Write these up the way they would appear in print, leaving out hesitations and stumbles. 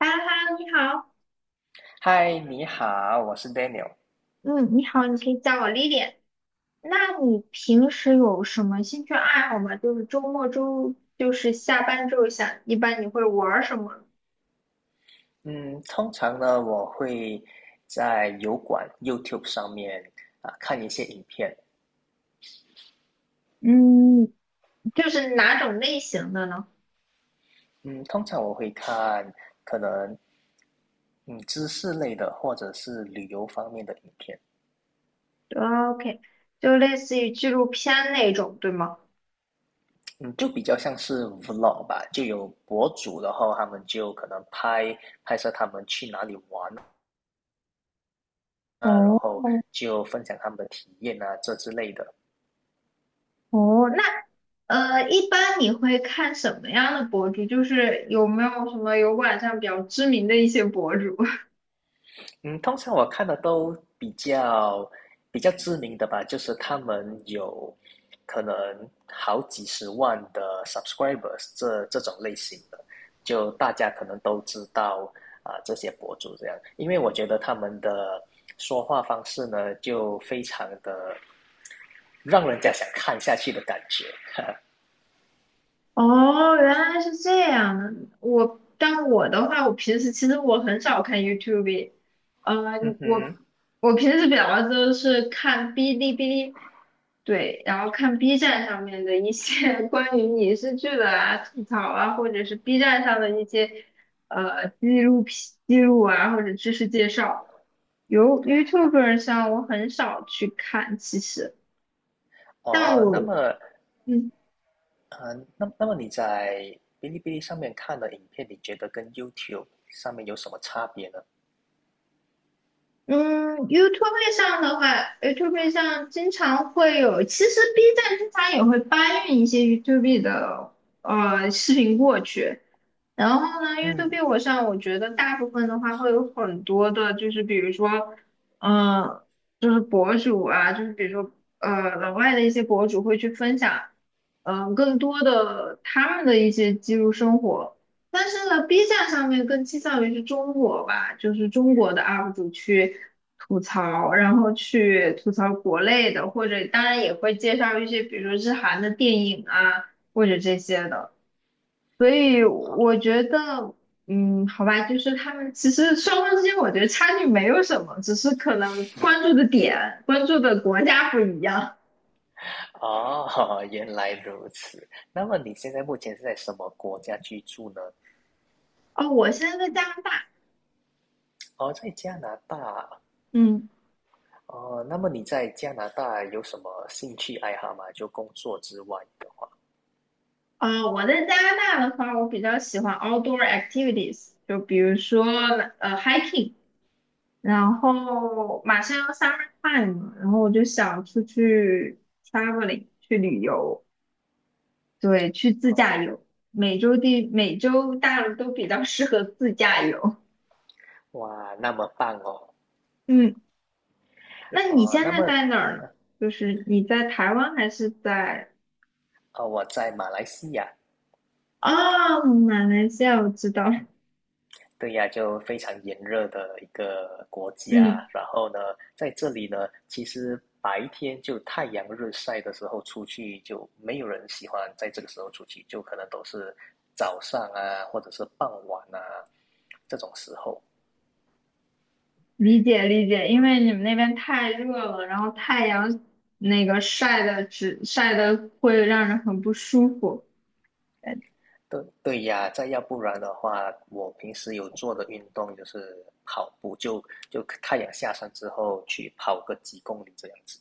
哈哈，你好。嗨，你好，我是 Daniel。嗯，你好，你可以叫我 l i l i。 那你平时有什么兴趣爱好吗？就是周末周，就是下班之后想，一般你会玩儿什么？嗯，通常呢，我会在油管 YouTube 上面啊看一些影片。嗯，就是哪种类型的呢嗯，通常我会看可能嗯知识类的或者是旅游方面的影片。？OK，就类似于纪录片那种，对吗？嗯，就比较像是 vlog 吧，就有博主，然后他们就可能拍摄他们去哪里玩啊，然哦后就分享他们的体验啊，这之类的。哦，那一般你会看什么样的博主？就是有没有什么有晚上比较知名的一些博主？嗯，通常我看的都比较知名的吧，就是他们有可能好几十万的 subscribers 这种类型的，就大家可能都知道啊、这些博主这样，因为我觉得他们的说话方式呢，就非常的让人家想看下去的感觉。哦，原来是这样的。但我的话，我平时其实我很少看 YouTube。呃，嗯我哼，我平时比较多是看哔哩哔哩。对，然后看 B 站上面的一些 关于影视剧的啊、吐槽啊，或者是 B 站上的一些纪录片、记录啊，或者知识介绍。由 YouTuber 上我很少去看，其实，但哦，那我。么嗯。嗯，那么你在哔哩哔哩上面看的影片，你觉得跟 YouTube 上面有什么差别呢？嗯，YouTube 上的话，YouTube 上经常会有，其实 B 站经常也会搬运一些 YouTube 的视频过去。然后呢嗯，，YouTube 我上我觉得大部分的话会有很多的，就是比如说，嗯、就是博主啊，就是比如说，老外的一些博主会去分享，更多的他们的一些记录生活。但是呢，B 站上面更倾向于是中国吧，就是中国的 UP 主去吐槽，然后去吐槽国内的，或者当然也会介绍一些，比如说日韩的电影啊，或者这些的。所以好，我觉得，嗯，好吧，就是他们其实双方之间，我觉得差距没有什么，只是可能关注的点、关注的国家不一样。哦，原来如此。那么你现在目前是在什么国家居住呢？哦，我现在在加拿大。哦，在加拿大。嗯哦，那么你在加拿大有什么兴趣爱好吗？就工作之外的。我在加拿大的话，我比较喜欢 outdoor activities，就比如说hiking，然后马上要 summer time 了，然后我就想出去 traveling 去旅游。对，去自驾哦，游，美洲大陆都比较 适合自驾游。哇，那么棒哦。嗯，那你哦，现那在么在哪儿呢？就是你在台湾还是在我在马来西亚，啊，马来西亚？我知道。对呀，就非常炎热的一个国家。嗯，然后呢，在这里呢，其实白天就太阳日晒的时候出去，就没有人喜欢在这个时候出去，就可能都是早上啊，或者是傍晚啊这种时候。理解理解，因为你们那边太热了，然后太阳那个晒的会让人很不舒服。对对呀，再要不然的话，我平时有做的运动就是跑步，就太阳下山之后去跑个几公里这样子。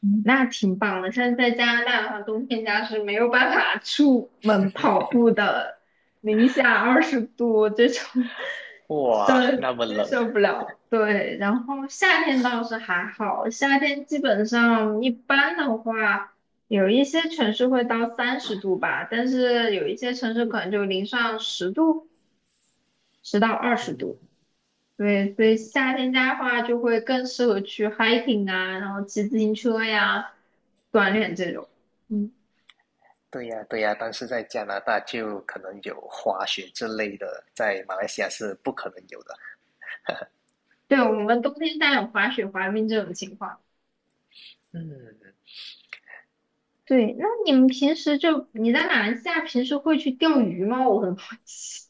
嗯那挺棒的。像在加拿大的话，冬天家是没有办法出门跑步的，零下20度这种 受哇，那么接冷。受不了。对，然后夏天倒是还好，夏天基本上一般的话，有一些城市会到30度吧，但是有一些城市可能就零上10度，10到20度。嗯。对，所以夏天家的话就会更适合去 hiking 啊，然后骑自行车呀，锻炼这种。嗯，对呀，对呀，但是在加拿大就可能有滑雪之类的，在马来西亚是不可能有的。对，我们冬天家有滑雪、滑冰这种情况。嗯对，那你们平时就你在马来西亚平时会去钓鱼吗？我很好奇。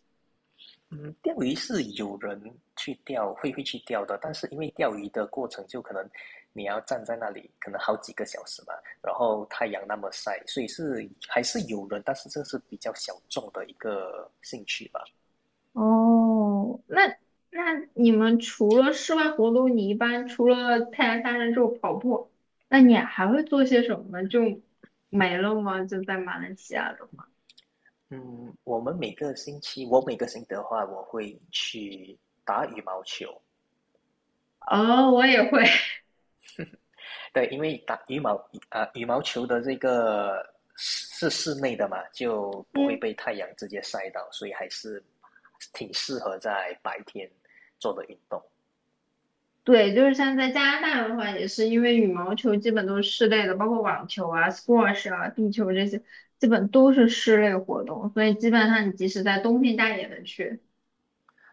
嗯，钓鱼是有人去钓，会去钓的，但是因为钓鱼的过程就可能你要站在那里，可能好几个小时吧，然后太阳那么晒，所以是还是有人，但是这是比较小众的一个兴趣吧。哦，那那你们除了室外活动，你一般除了太阳下山之后跑步，那你还会做些什么呢？就没了吗？就在马来西亚的话。嗯，我们每个星期，我每个星期的话，我会去打羽毛球。哦，我也会。对，因为打羽毛球的这个是室内的嘛，就 不嗯。会呢？被太阳直接晒到，所以还是挺适合在白天做的运动。对，就是像在加拿大的话，也是因为羽毛球基本都是室内的，包括网球啊、squash 啊、壁球这些，基本都是室内活动，所以基本上你即使在冬天，大家也能去。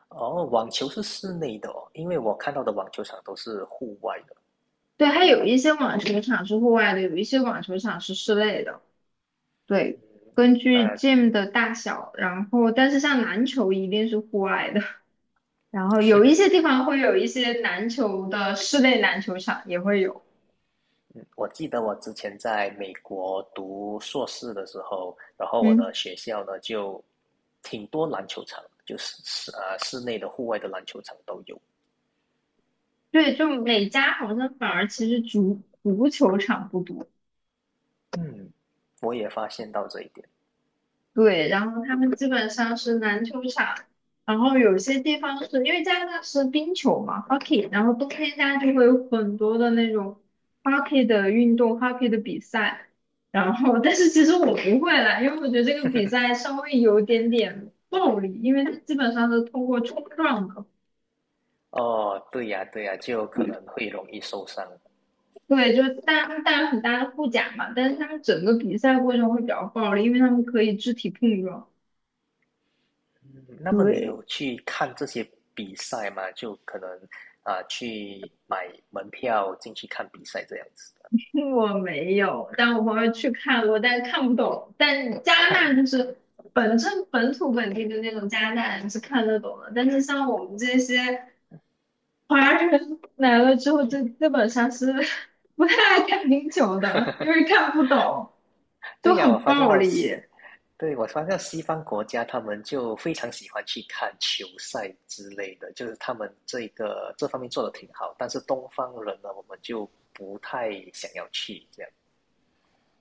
哦，网球是室内的哦，因为我看到的网球场都是户外的。对，还有一些网球场是户外的，有一些网球场是室内的。对，根据 那 gym 的大小，然后但是像篮球一定是户外的，然后有一些地方会有一些篮球的室内篮球场也会有。我记得我之前在美国读硕士的时候，然后我的嗯。学校呢就挺多篮球场，就是室内的、户外的篮球场都有。对，就每家好像反而其实足球场不多。嗯，我也发现到这一点。对，然后他们基本上是篮球场，然后有些地方是因为加拿大是冰球嘛，hockey，然后冬天家就会有很多的那种 hockey 的运动，hockey 的比赛。然后但是其实我不会啦，因为我觉得这个比赛稍微有点点暴力，因为它基本上是通过冲撞的。哦，对呀，对呀，就可能会容易受伤。对，就是大带有很大的护甲嘛，但是他们整个比赛过程会比较暴力，因为他们可以肢体碰撞。嗯，那么你对，有去看这些比赛吗？就可能啊，去买门票进去看比赛这样子的。 我没有，但我朋友去看过，但看不懂。但加拿大就是本土本地的那种加拿大人是看得懂的，但是像我们这些华人 来了之后，就基本上是 不太爱看冰球的，因为看不懂，就对呀，我很发现暴到力。西，对，我发现到西方国家他们就非常喜欢去看球赛之类的，就是他们这个这方面做的挺好，但是东方人呢，我们就不太想要去这样。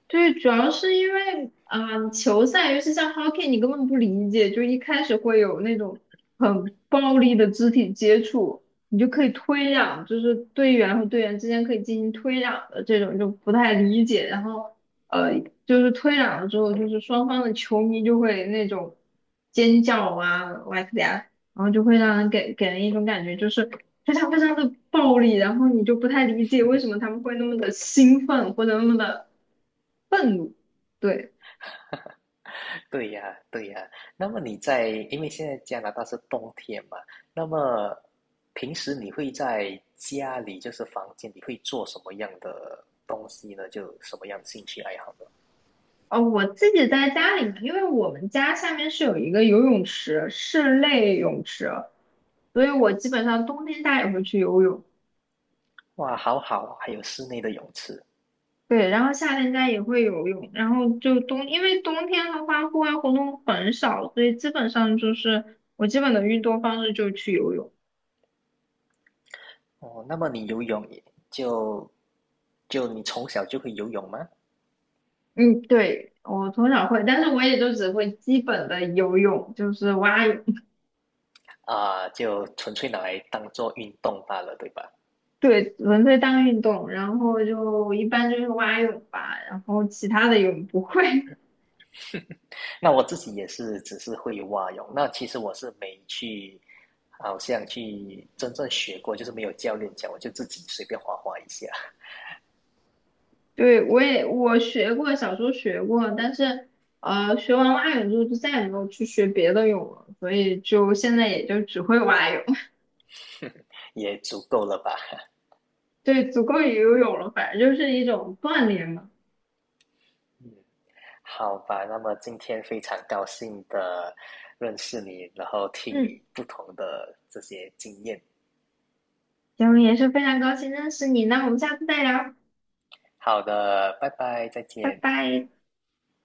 对，主要是因为嗯球赛，尤其像 hockey，你根本不理解，就一开始会有那种很暴力的肢体接触，你就可以推让，就是队员和队员之间可以进行推让的这种，就不太理解。然后呃，就是推让了之后，就是双方的球迷就会那种尖叫啊，哇塞啊，然后就会让人给人一种感觉，就是非常非常的暴力，然后你就不太理解为什么他们会那么的兴奋或者那么的愤怒。对，对呀，对呀。那么你在，因为现在加拿大是冬天嘛，那么平时你会在家里，就是房间，你会做什么样的东西呢？就什么样的兴趣爱好呢？哦，我自己在家里面因为我们家下面是有一个游泳池，室内泳池，所以我基本上冬天家也会去游泳。哇，好好，还有室内的泳池对，然后夏天家也会游泳，然后就冬，因为冬天的话户外活动很少，所以基本上就是我基本的运动方式就是去游泳。哦。那么你游泳也就就你从小就会游泳吗？嗯，对，我从小会，但是我也就只会基本的游泳，就是蛙泳。啊，就纯粹拿来当做运动罢了，对吧？对，纯粹当运动，然后就一般就是蛙泳吧，然后其他的泳不会。那我自己也是只是会蛙泳，那其实我是没去，好像去真正学过，就是没有教练教，我就自己随便划划一下，对，我学过，小时候学过，但是学完蛙泳之后就再也没有去学别的泳了，所以就现在也就只会蛙泳。也足够了吧。对，足够于游泳了，反正就是一种锻炼嘛。嗯，好吧，那么今天非常高兴的认识你，然后听嗯，你不同的这些经验。行，也是非常高兴认识你，那我们下次再聊，好的，拜拜，再拜见。拜。